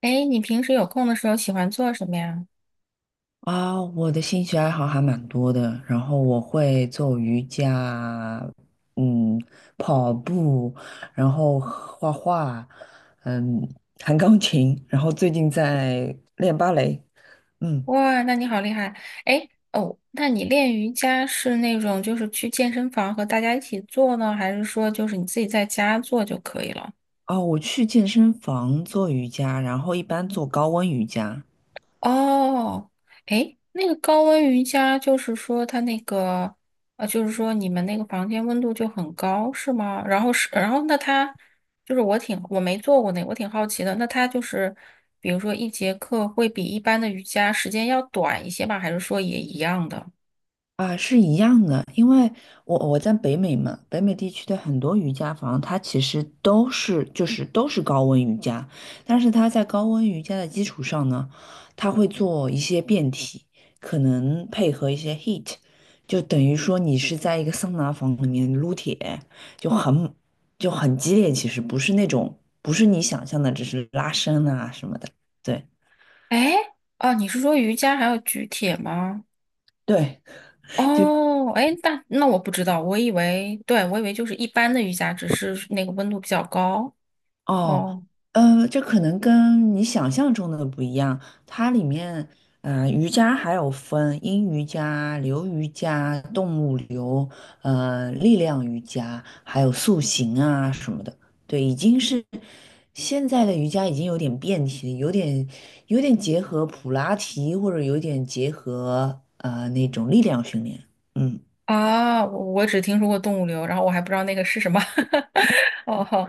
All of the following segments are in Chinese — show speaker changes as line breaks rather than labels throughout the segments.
哎，你平时有空的时候喜欢做什么呀？
啊，我的兴趣爱好还蛮多的，然后我会做瑜伽，嗯，跑步，然后画画，嗯，弹钢琴，然后最近在练芭蕾，嗯，
哇，那你好厉害！哎，哦，那你练瑜伽是那种就是去健身房和大家一起做呢，还是说就是你自己在家做就可以了？
哦，我去健身房做瑜伽，然后一般做高温瑜伽。
哦，诶，那个高温瑜伽就是说它那个，就是说你们那个房间温度就很高，是吗？然后是，然后那它就是我没做过那个我挺好奇的。那它就是，比如说一节课会比一般的瑜伽时间要短一些吧？还是说也一样的？
啊，是一样的，因为我在北美嘛，北美地区的很多瑜伽房，它其实都是高温瑜伽，但是它在高温瑜伽的基础上呢，它会做一些变体，可能配合一些 heat，就等于说你是在一个桑拿房里面撸铁，就很就很激烈，其实不是那种不是你想象的，只是拉伸啊什么的，对
诶，哦，你是说瑜伽还有举铁吗？
对。
哦，诶，那那我不知道，我以为，对，我以为就是一般的瑜伽，只是那个温度比较高。
哦，
哦。
这可能跟你想象中的不一样。它里面，瑜伽还有分阴瑜伽、流瑜伽、动物流、力量瑜伽，还有塑形啊什么的。对，已经是现在的瑜伽已经有点变体，有点结合普拉提，或者有点结合那种力量训练。嗯。
啊，我只听说过动物流，然后我还不知道那个是什么。哦吼，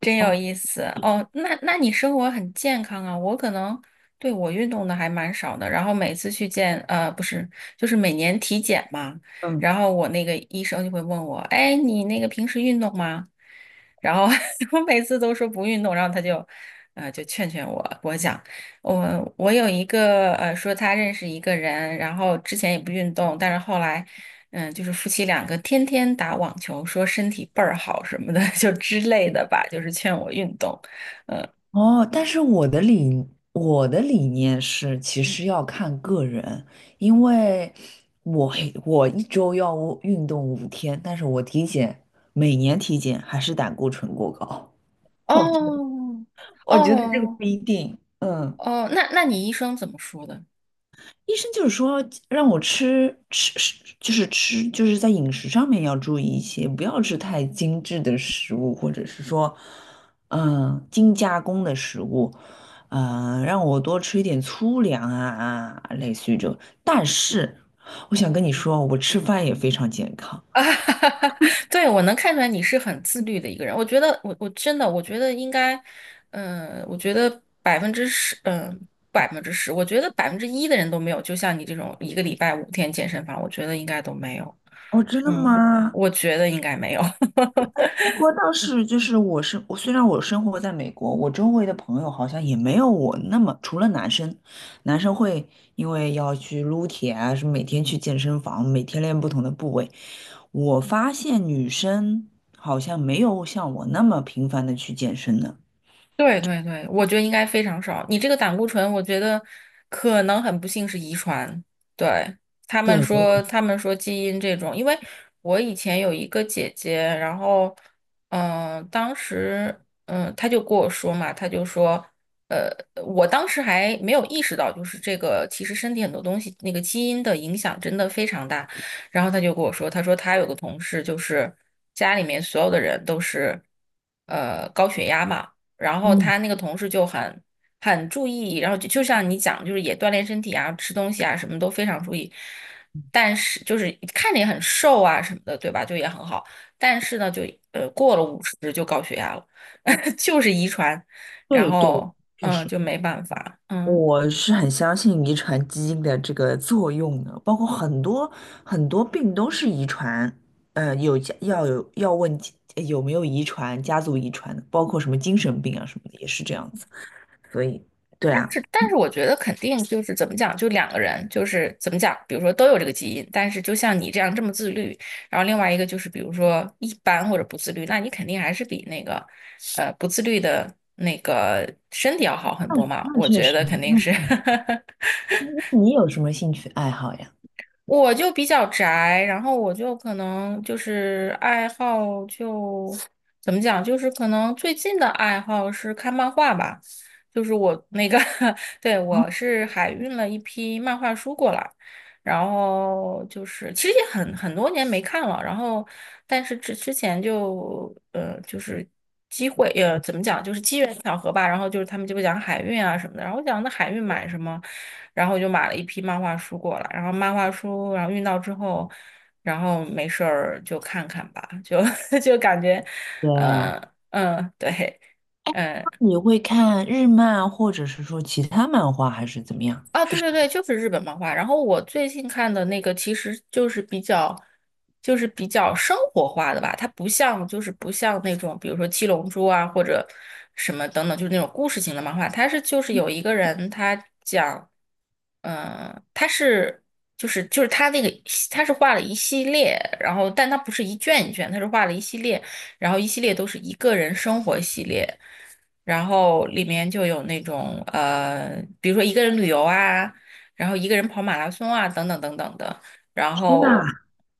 真有意思。哦，那那你生活很健康啊？我可能对我运动的还蛮少的，然后每次去见不是，就是每年体检嘛，然后我那个医生就会问我，哎，你那个平时运动吗？然后 我每次都说不运动，然后他就，就劝劝我。给我讲，我有一个说他认识一个人，然后之前也不运动，但是后来。嗯，就是夫妻两个天天打网球，说身体倍儿好什么的，就之类的吧，就是劝我运动。
哦，但是我的理念是，其实要看个人，因为我我一周要运动5天，但是我体检每年体检还是胆固醇过高。我觉得
哦，
我觉得这个
哦，
不一定。嗯。
哦，那那你医生怎么说的？
医生就是说让我吃，就是吃，就是在饮食上面要注意一些，不要吃太精致的食物，或者是说，精加工的食物，让我多吃一点粗粮啊，类似于这种。但是我想跟你说，我吃饭也非常健康。
啊，对，我能看出来你是很自律的一个人。我觉得，我真的，我觉得应该，我觉得百分之十，百分之十，我觉得1%的人都没有。就像你这种一个礼拜5天健身房，我觉得应该都没有。
哦，真的
嗯，
吗？
我觉得应该没有。
不过倒是就是我虽然我生活在美国，我周围的朋友好像也没有我那么，除了男生，男生会因为要去撸铁啊，什么每天去健身房，每天练不同的部位。我发现女生好像没有像我那么频繁的去健身呢。
对对对，我觉得应该非常少。你这个胆固醇，我觉得可能很不幸是遗传。对，他们
对，
说，他们说基因这种，因为我以前有一个姐姐，然后，当时，她就跟我说嘛，她就说，呃，我当时还没有意识到，就是这个其实身体很多东西那个基因的影响真的非常大。然后她就跟我说，她说她有个同事，就是家里面所有的人都是，高血压嘛。然后
嗯，
他那个同事就很注意，然后就像你讲，就是也锻炼身体啊，吃东西啊，什么都非常注意。但是就是看着也很瘦啊什么的，对吧？就也很好，但是呢，就过了50就高血压了，就是遗传，然
对对，
后
确
嗯
实。
就没办法，嗯。
我是很相信遗传基因的这个作用的，包括很多很多病都是遗传，有家要有要问家有没有遗传，家族遗传的，包括什么精神病啊什么的也是这样子。所以，对啊，
是，但是我觉得肯定就是怎么讲，就两个人就是怎么讲，比如说都有这个基因，但是就像你这样这么自律，然后另外一个就是比如说一般或者不自律，那你肯定还是比那个不自律的那个身体要好很
那
多嘛，
那
我
确
觉
实，
得肯定
那
是。
确实。那你有什么兴趣爱好呀？
我就比较宅，然后我就可能就是爱好就怎么讲，就是可能最近的爱好是看漫画吧，就是我那个 对，我是海运了一批漫画书过来，然后就是其实也很很多年没看了，然后但是之前就就是就是机缘巧合吧，然后就是他们就会讲海运啊什么的，然后我讲那海运买什么，然后我就买了一批漫画书过来，然后漫画书然后运到之后，然后没事儿就看看吧，就 就感觉，
对，
呃对，嗯、
你会看日漫或者是说其他漫画还是怎么样？
啊，对对对，就是日本漫画。然后我最近看的那个其实就是比较，就是比较生活化的吧，它不像就是不像那种比如说《七龙珠》啊或者什么等等，就是那种故事型的漫画。它是就是有一个人他讲，他是就是他那个他是画了一系列，然后但他不是一卷一卷，他是画了一系列，然后一系列都是一个人生活系列。然后里面就有那种比如说一个人旅游啊，然后一个人跑马拉松啊，等等等等的。然
天呐！
后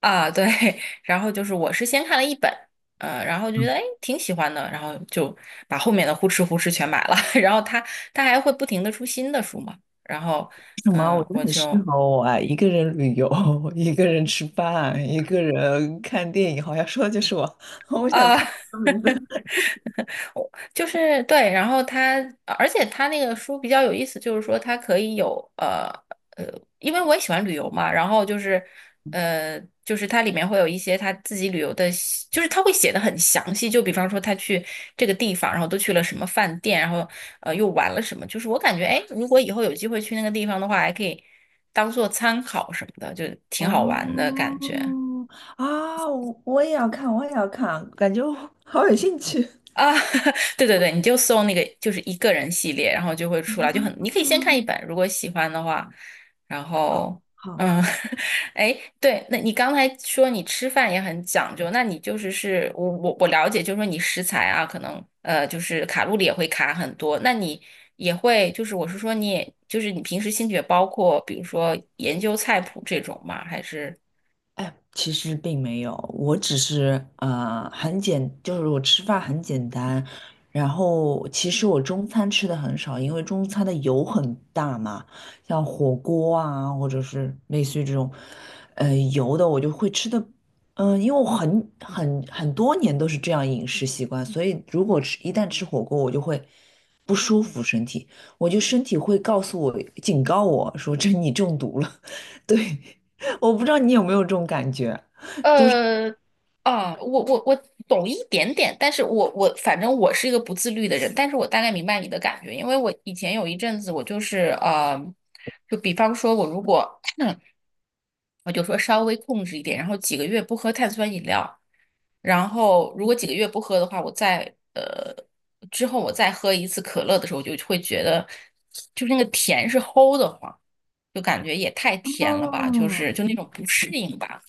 啊，对，然后就是我是先看了一本，然后就觉得哎挺喜欢的，然后就把后面的呼哧呼哧全买了。然后他他还会不停的出新的书嘛，然后
什么？我觉得
我
很
就
适合我啊！一个人旅游，一个人吃饭，一个人看电影，好像说的就是我。我想
啊。
看
我就是对，然后它，而且它那个书比较有意思，就是说它可以有呃，因为我也喜欢旅游嘛，然后就是就是它里面会有一些他自己旅游的细就是他会写的很详细，就比方说他去这个地方，然后都去了什么饭店，然后又玩了什么，就是我感觉哎，如果以后有机会去那个地方的话，还可以当做参考什么的，就挺好玩的
哦
感觉。
啊，我也要看，我也要看，感觉我好有兴趣。
啊，对对对，你就搜那个就是一个人系列，然后就会出来，就很，
啊，
你可以先看一本，如果喜欢的话，然
好，
后
好。
嗯，哎，对，那你刚才说你吃饭也很讲究，那你就是是我了解，就是说你食材啊，可能就是卡路里也会卡很多，那你也会就是我是说你也就是你平时兴趣也包括比如说研究菜谱这种吗？还是？
哎，其实并没有，我只是就是我吃饭很简单，然后其实我中餐吃的很少，因为中餐的油很大嘛，像火锅啊，或者是类似于这种，油的我就会吃的。因为我很多年都是这样饮食习惯，所以如果吃一旦吃火锅，我就会不舒服身体，我就身体会告诉我警告我说这你中毒了。对。我不知道你有没有这种感觉。
呃，啊，我懂一点点，但是我反正我是一个不自律的人，但是我大概明白你的感觉，因为我以前有一阵子我就是就比方说我如果 我就说稍微控制一点，然后几个月不喝碳酸饮料，然后如果几个月不喝的话，我再呃之后我再喝一次可乐的时候，我就会觉得就是那个甜是齁的慌，就感觉也太甜了吧，就是
哦。
就那种不适应吧。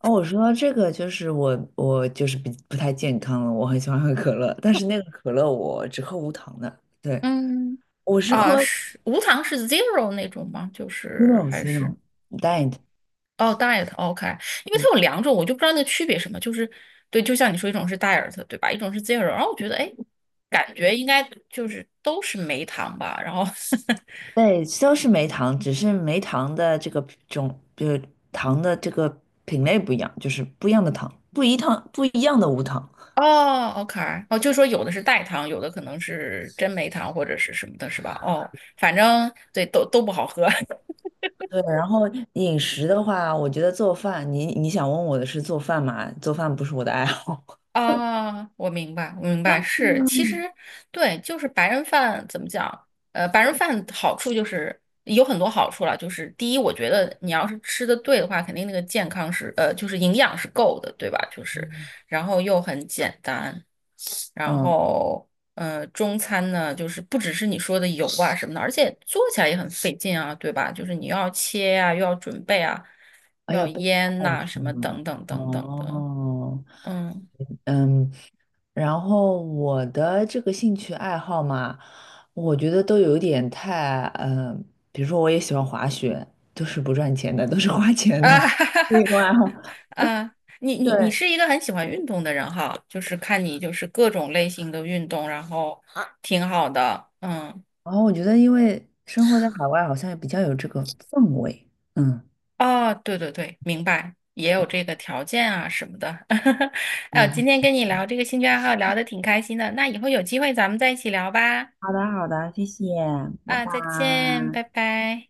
哦，我说到这个就是我就是比不太健康了，我很喜欢喝可乐，但是那个可乐我只喝无糖的。对，
嗯。
我是
啊，
喝
是无糖是 zero 那种吗？就是
zero
还是
zero diet。
哦，diet，OK，因为它
嗯，
有两种，我就不知道那区别什么。就是对，就像你说，一种是 diet，对吧？一种是 zero。然后我觉得，哎，感觉应该就是都是没糖吧。然后
对，都是没糖，只是没糖的这个种就是糖的这个品类不一样，就是不一样的糖，不一糖不一样的无糖。
哦，OK，哦，就说有的是代糖，有的可能是真没糖或者是什么的，是吧？哦，反正对，都都不好喝。
对，然后饮食的话，我觉得做饭，你想问我的是做饭嘛？做饭不是我的爱好。
啊，我明白，我明白，是，其实对，就是白人饭怎么讲？白人饭好处就是有很多好处了，就是第一，我觉得你要是吃的对的话，肯定那个健康是，就是营养是够的，对吧？就是，然后又很简单，然
嗯。
后中餐呢，就是不只是你说的油啊什么的，而且做起来也很费劲啊，对吧？就是你又要切呀、又要准备啊，
哎
又
呀，
要
被
腌
带
呐、
出
什么
了。
等等等等的，
哦，
嗯。
嗯，然后我的这个兴趣爱好嘛，我觉得都有点太，比如说我也喜欢滑雪，都是不赚钱的，都是花 钱的
啊，哈哈 哈，
运动爱好。
啊，你
对，
是一个很喜欢运动的人哈，就是看你就是各种类型的运动，然后挺好的，嗯，
然后我觉得因为生活在海外，好像也比较有这个氛围。嗯，
哦，对对对，明白，也有这个条件啊什么的，哎呦，今天
我
跟你聊这个兴趣爱好聊的挺开心的，那以后有机会咱们再一起聊吧，
好的，好的，谢谢，拜
啊，
拜。
再见，拜拜。